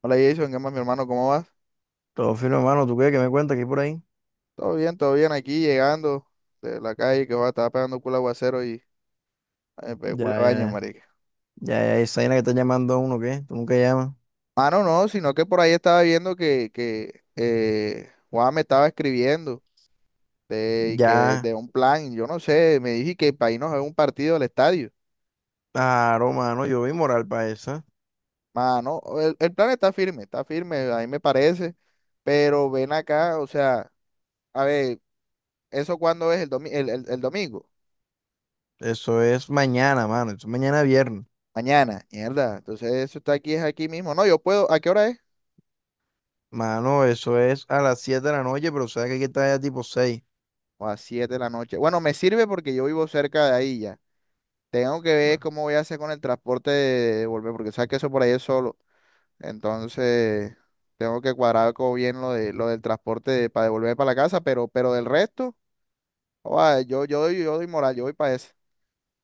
Hola Jason, ¿qué más mi hermano? ¿Cómo vas? Todo fino, hermano. ¿Tú qué? ¿Qué me cuentas? ¿Qué hay por ahí? Todo bien aquí llegando de la calle que va, estaba pegando culo aguacero y ay, me pegué Ya, culo de baño, ya, marica. ya, ya, esa vaina que está llamando a uno, ¿qué? Tú nunca llamas. Ah, no, no, sino que por ahí estaba viendo que Juan me estaba escribiendo de, y que Ya, de un plan, yo no sé, me dije que para irnos a un partido al estadio. claro, mano. Yo vi moral para esa. Mano, el plan está firme, a mí me parece, pero ven acá, o sea, a ver, ¿eso cuándo es el domingo? Eso es mañana, mano. Eso es mañana viernes. Mañana, mierda. Entonces eso está aquí, es aquí mismo. No, yo puedo, ¿a qué hora es? Mano, eso es a las 7 de la noche, pero sabes que hay que estar ya tipo 6. O a 7 de la noche. Bueno, me sirve porque yo vivo cerca de ahí ya. Tengo que ver Bueno. cómo voy a hacer con el transporte de volver, porque sabes que eso por ahí es solo. Entonces, tengo que cuadrar como bien lo de lo del transporte de- para devolver para la casa, pero del resto, joda, yo doy moral, yo voy para eso.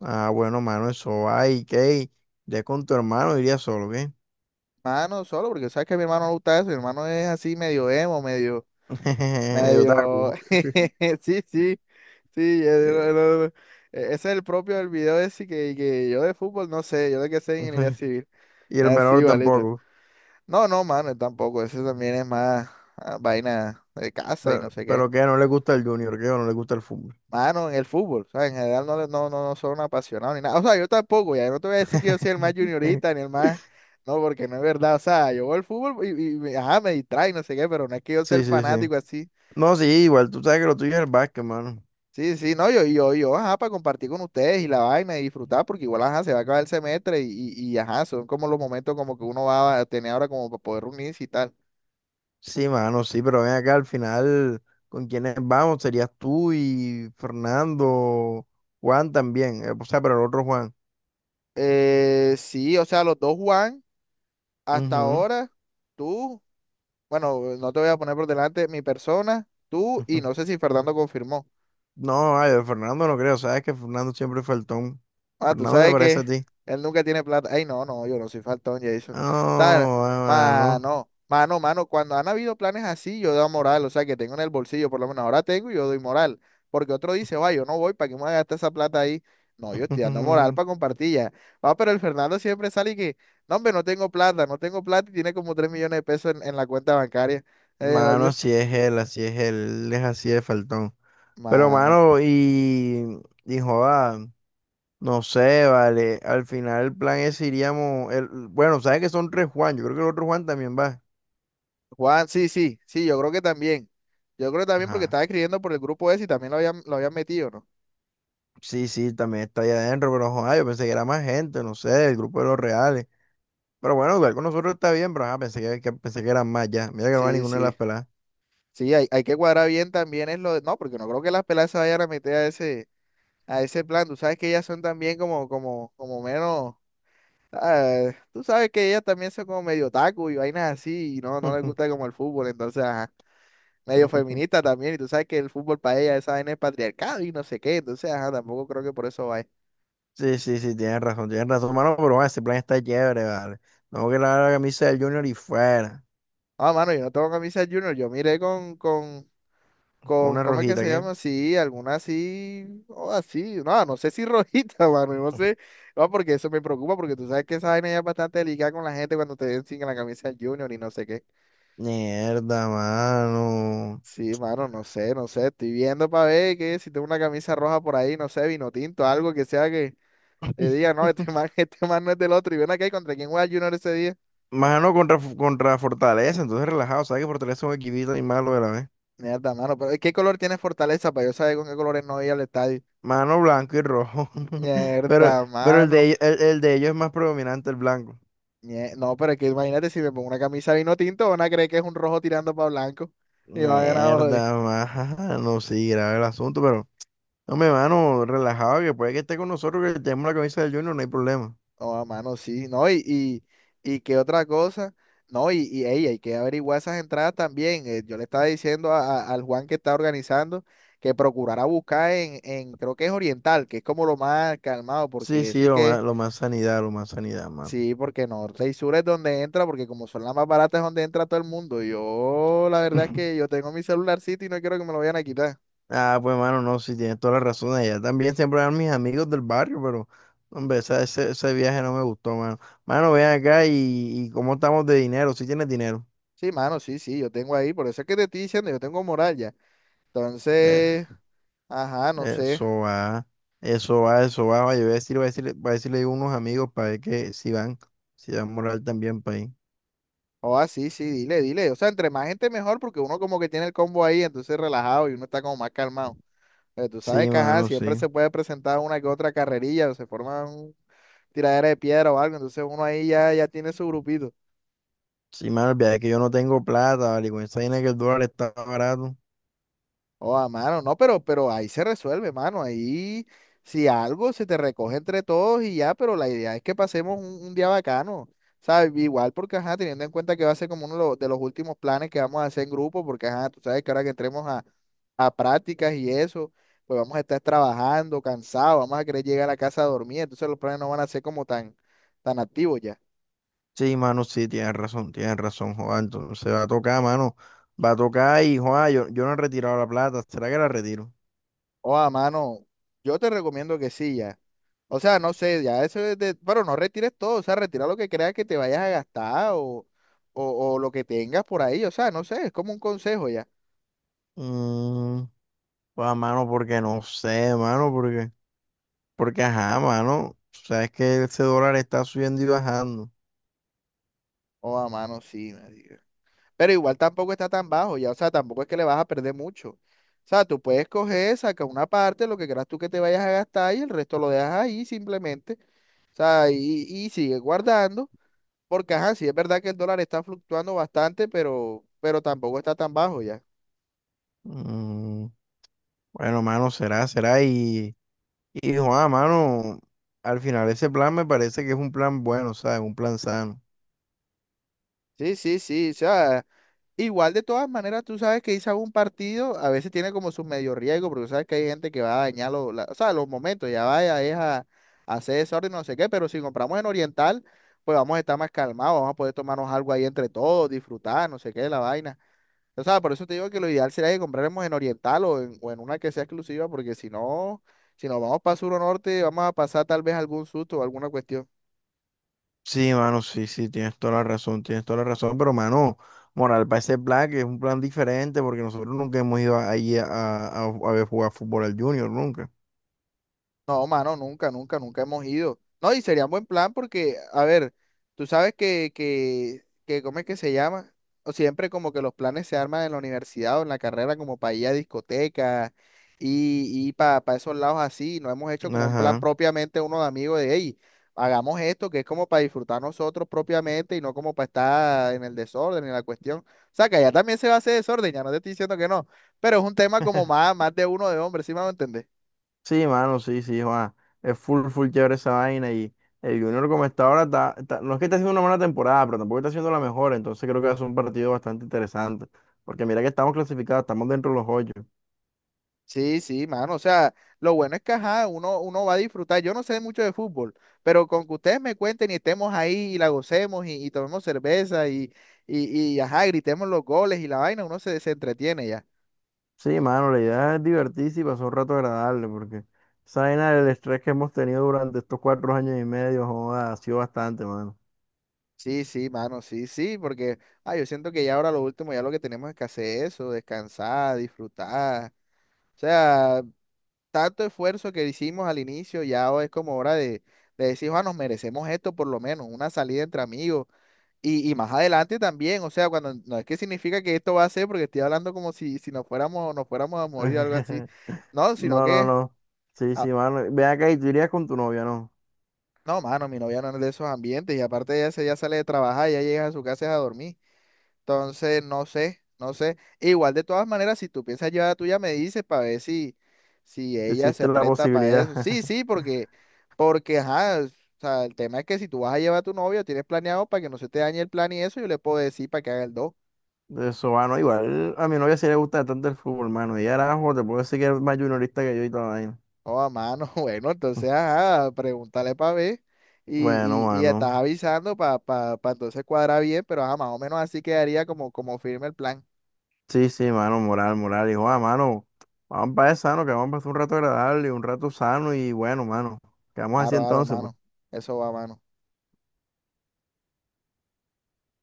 Ah, bueno, mano, eso va. ¿Y qué? Ya con tu hermano iría solo, ¿qué? Mano, solo porque sabes que a mi hermano no le gusta eso, mi hermano es así medio emo, medio, Medio medio, taco. sí, sí, sí, no, eh, no, no. E- ese es el propio del video ese que yo de fútbol no sé, yo de que sé ingeniería civil. Y el Así, menor igualito. tampoco. No, no, mano, tampoco. Eso también es más vaina de casa y Pero, no sé qué. pero ¿qué? ¿No le gusta el Junior? ¿Qué? ¿O no le gusta el fútbol? Mano, en el fútbol, ¿sabes? En general no, le- no, no, no soy un apasionado ni nada. O sea, yo tampoco, ya. No te voy a decir que yo soy el más juniorita ni el más. No, porque no es verdad. O sea, yo veo el fútbol y me- ajá, me distrae, no sé qué, pero no es que yo sea el Sí, sí, sí. fanático así. No, sí, igual tú sabes que lo tuyo es el básquet, mano. Sí, sí, no, yo, ajá, para compartir con ustedes y la vaina y disfrutar, porque igual, ajá, se va a acabar el semestre y, ajá, son como los momentos como que uno va a tener ahora como para poder reunirse y tal. Sí, mano, sí, pero ven acá al final, ¿con quiénes vamos? Serías tú y Fernando, Juan también, o sea, pero el otro Juan. Sí, o sea, los dos Juan, hasta Ujú, ahora, tú, bueno, no te voy a poner por delante mi persona, tú y ujú. no sé si Fernando confirmó. No, ay, de Fernando no creo, sabes que Fernando siempre fue faltón. Ah, tú Fernando se sabes parece a que ti. él nunca tiene plata. Ay, no, no, yo no soy faltón, No, Jason. ¿Sabes? mano. Mano, mano, mano, cuando han habido planes así, yo doy moral, o sea, que tengo en el bolsillo, por lo menos ahora tengo y yo doy moral. Porque otro dice, va, yo no voy, ¿para qué me voy a gastar esa plata ahí? No, yo estoy dando moral para compartir ya. Va, pero el Fernando siempre sale y que, no, hombre, no tengo plata, no tengo plata y tiene como 3 millones de pesos en la cuenta bancaria. Eh, Mano, la- si es él, así es él, él es así de faltón. Pero, Mano. mano, y joda. No sé, vale. Al final el plan es iríamos. Bueno, sabes que son tres Juan. Yo creo que el otro Juan también va. Juan, sí, sí, sí, yo creo que también. Yo creo que también porque Ajá. estaba escribiendo por el grupo ese y también lo habían metido, ¿no? Sí, sí, también está allá adentro, pero joder, yo pensé que era más gente, no sé, el grupo de los reales. Pero bueno, igual con nosotros está bien, pero ajá, pensé pensé que eran más ya. Mira que no va Sí, ninguna de las sí. peladas. Sí, hay que cuadrar bien también es lo de... No, porque no creo que las peladas se vayan a meter a ese plan. Tú sabes que ellas son también como, como, como menos... ah, tú sabes que ellas también son como medio taco y vainas así y no, no les gusta como el fútbol. Entonces, ajá, medio feminista también. Y tú sabes que el fútbol para ellas esa vaina es patriarcado y no sé qué. Entonces, ajá, tampoco creo que por eso vaya. Sí, sí, sí, tienes razón, mano, pero bueno, ese plan está chévere, vale. Tengo que lavar la camisa del Junior y fuera. Ah, mano, yo no tengo camisa Junior. Yo miré con, con, Con con, una ¿cómo es que rojita, se ¿qué? llama? Sí, alguna así, o así, no, no sé si rojita, mano, no sé, no, porque eso me preocupa, porque tú sabes que esa vaina ya es bastante delicada con la gente cuando te ven sin la camisa del Junior y no sé qué. Mierda, mano. Sí, mano, no sé, no sé, estoy viendo para ver que si tengo una camisa roja por ahí, no sé, vino tinto, algo que sea que te diga, no, este man, este man no es del otro, y ven acá y contra quién juega Junior ese día. Mano contra Fortaleza, entonces relajado. Sabes que Fortaleza es un equipito y malo de la vez. Mierda, mano, pero ¿qué color tiene Fortaleza para yo saber con qué colores no voy a ir al estadio? Mano, blanco y rojo. Pero, Mierda, pero el de, mano. ellos- el, el de ellos es más predominante el blanco. Ñe, no, pero es que imagínate si me pongo una camisa vino tinto, van a creer que es un rojo tirando para blanco. Y van a joder. Mierda, mano. Sí, grave el asunto, pero. Hombre, mano, relajado, que puede que esté con nosotros, que tenemos la camisa del Junior, no hay problema. No, a mano, sí. No, y qué otra cosa. No, y ey, hay que averiguar esas entradas también. Yo le estaba diciendo a- al Juan que está organizando que procurara buscar en, creo que es Oriental, que es como lo más calmado, Sí, porque sí, sí lo que, más, lo más sanidad, lo más sanidad, mano. sí, porque Norte y Sur es donde entra, porque como son las más baratas es donde entra todo el mundo. Yo, la verdad es que yo tengo mi celularcito y no quiero que me lo vayan a quitar. Ah, pues mano, no, sí tienes toda la razón. Allá también siempre eran mis amigos del barrio, pero hombre, ese viaje no me gustó, mano. Mano, ven acá y cómo estamos de dinero, si tienes dinero. Sí, mano, sí, sí, yo tengo ahí, por eso es que te estoy diciendo, yo tengo moral ya. Eh, Entonces, ajá, no sé. Eso va, eso va, eso va. Vaya, voy a decirle a unos amigos para ver que si van, si dan moral también para ir. O ah, sí, sí, dile, dile. O sea, entre más gente mejor, porque uno como que tiene el combo ahí, entonces relajado y uno está como más calmado. Pero tú sabes Sí, que, ajá, mano, siempre sí. se puede presentar una que otra carrerilla o se forma un tiradera de piedra o algo, entonces uno ahí ya, ya tiene su grupito. Sí, mano, el viaje es que yo no tengo plata, vale, con esa vaina que el dólar está barato. Oh, a mano, no, pero ahí se resuelve, mano. Ahí, si algo, se te recoge entre todos y ya, pero la idea es que pasemos un día bacano, ¿sabes? Igual porque, ajá, teniendo en cuenta que va a ser como uno de los últimos planes que vamos a hacer en grupo, porque, ajá, tú sabes que ahora que entremos a prácticas y eso, pues vamos a estar trabajando, cansados, vamos a querer llegar a la casa a dormir, entonces los planes no van a ser como tan, tan activos ya. Sí, mano, sí, tienes razón, Juan. Entonces va a tocar, mano. Va a tocar y, Juan, yo no he retirado la plata. ¿Será que la retiro? Oh, a mano, yo te recomiendo que sí, ya. O sea, no sé, ya eso es de, bueno, no retires todo, o sea, retira lo que creas que te vayas a gastar o lo que tengas por ahí, o sea, no sé, es como un consejo ya. Mm, Juan, mano, porque no sé, mano, porque ajá, mano. Sabes que ese dólar está subiendo y bajando. O a mano, sí, marica. Pero igual tampoco está tan bajo ya, o sea, tampoco es que le vas a perder mucho. O sea, tú puedes coger, saca una parte, lo que creas tú que te vayas a gastar y el resto lo dejas ahí simplemente, o sea, y sigue guardando, porque ajá, sí es verdad que el dólar está fluctuando bastante, pero tampoco está tan bajo ya. Mm, bueno, mano, será, será. Juan, mano, al final ese plan me parece que es un plan bueno, ¿sabes? Un plan sano. Sí, sí, sí, o sea, igual de todas maneras, tú sabes que irse a un partido a veces tiene como su medio riesgo, porque sabes que hay gente que va a dañar los, la- o sea, los momentos, ya vaya, es a hacer desorden, no sé qué, pero si compramos en Oriental, pues vamos a estar más calmados, vamos a poder tomarnos algo ahí entre todos, disfrutar, no sé qué, la vaina. O sea, por eso te digo que lo ideal sería que compráramos en Oriental o en una que sea exclusiva, porque si no, si nos vamos para Sur o Norte, vamos a pasar tal vez algún susto o alguna cuestión. Sí, mano, sí, sí, tienes toda la razón, tienes toda la razón, pero mano, moral para ese plan que es un plan diferente porque nosotros nunca hemos ido ahí a ver jugar fútbol al Junior, nunca. No, mano, nunca, nunca, nunca hemos ido. No, y sería un buen plan porque, a ver, tú sabes que, ¿cómo es que se llama? O siempre como que los planes se arman en la universidad o en la carrera como para ir a discotecas y para esos lados así. No hemos hecho como un plan Ajá. propiamente uno de amigos de, hey, hagamos esto que es como para disfrutar nosotros propiamente y no como para estar en el desorden, en la cuestión. O sea, que allá también se va a hacer desorden, ya no te estoy diciendo que no, pero es un tema como más, más de uno de hombres, ¿sí me van a entender? Sí, mano, sí, sí, Juan. Es full, full chévere esa vaina y el Junior como está ahora, no es que esté haciendo una mala temporada, pero tampoco está haciendo la mejor, entonces creo que va a ser un partido bastante interesante, porque mira que estamos clasificados, estamos dentro de los ocho. Sí, sí, mano. O sea, lo bueno es que ajá, uno, uno va a disfrutar. Yo no sé mucho de fútbol, pero con que ustedes me cuenten y estemos ahí y la gocemos y tomemos cerveza y ajá, gritemos los goles y la vaina, uno se, se entretiene ya. Sí, mano, la idea es divertirse y pasar un rato agradable, porque esa vaina del estrés que hemos tenido durante estos 4 años y medio, joda, ha sido bastante, mano. Sí, sí, mano, sí, sí, porque yo siento que ya ahora lo último, ya lo que tenemos es que hacer eso, descansar, disfrutar. O sea, tanto esfuerzo que hicimos al inicio, ya es como hora de decir, ah, nos merecemos esto por lo menos, una salida entre amigos. Y más adelante también, o sea, cuando no es que significa que esto va a ser, porque estoy hablando como si, si nos fuéramos, nos fuéramos a morir o algo así. No, sino No, no, que, no. Sí, ah, sí, mano. Ve acá y tú irías con tu novia, ¿no? no, mano, mi novia no es de esos ambientes, y aparte ella se ya sale de trabajar, ya llega a su casa es a dormir. Entonces, no sé, no sé. Igual de todas maneras, si tú piensas llevar a la tuya, me dices para ver si, si Si ella existe se la presta para posibilidad eso. Sí, sí, porque, porque, ajá, o sea, el tema es que si tú vas a llevar a tu novia, tienes planeado para que no se te dañe el plan y eso, yo le puedo decir para que haga el dos. de eso, mano. Igual a mi novia sí le gusta bastante el fútbol, mano. Y ahora, te puedo decir que es más juniorista que yo y toda la vaina. Oh, a mano, bueno, entonces, ajá, pregúntale para ver. Bueno, Y estás mano. avisando para pa, pa pa entonces cuadrar bien, pero ajá, más o menos así quedaría como, como firme el plan. Sí, sí, mano, moral, moral. Hijo, ah, mano, vamos para allá sano, que vamos a pasar un rato agradable, un rato sano y bueno, mano. Quedamos así Aro, aro, entonces, pues. mano. Eso va, mano.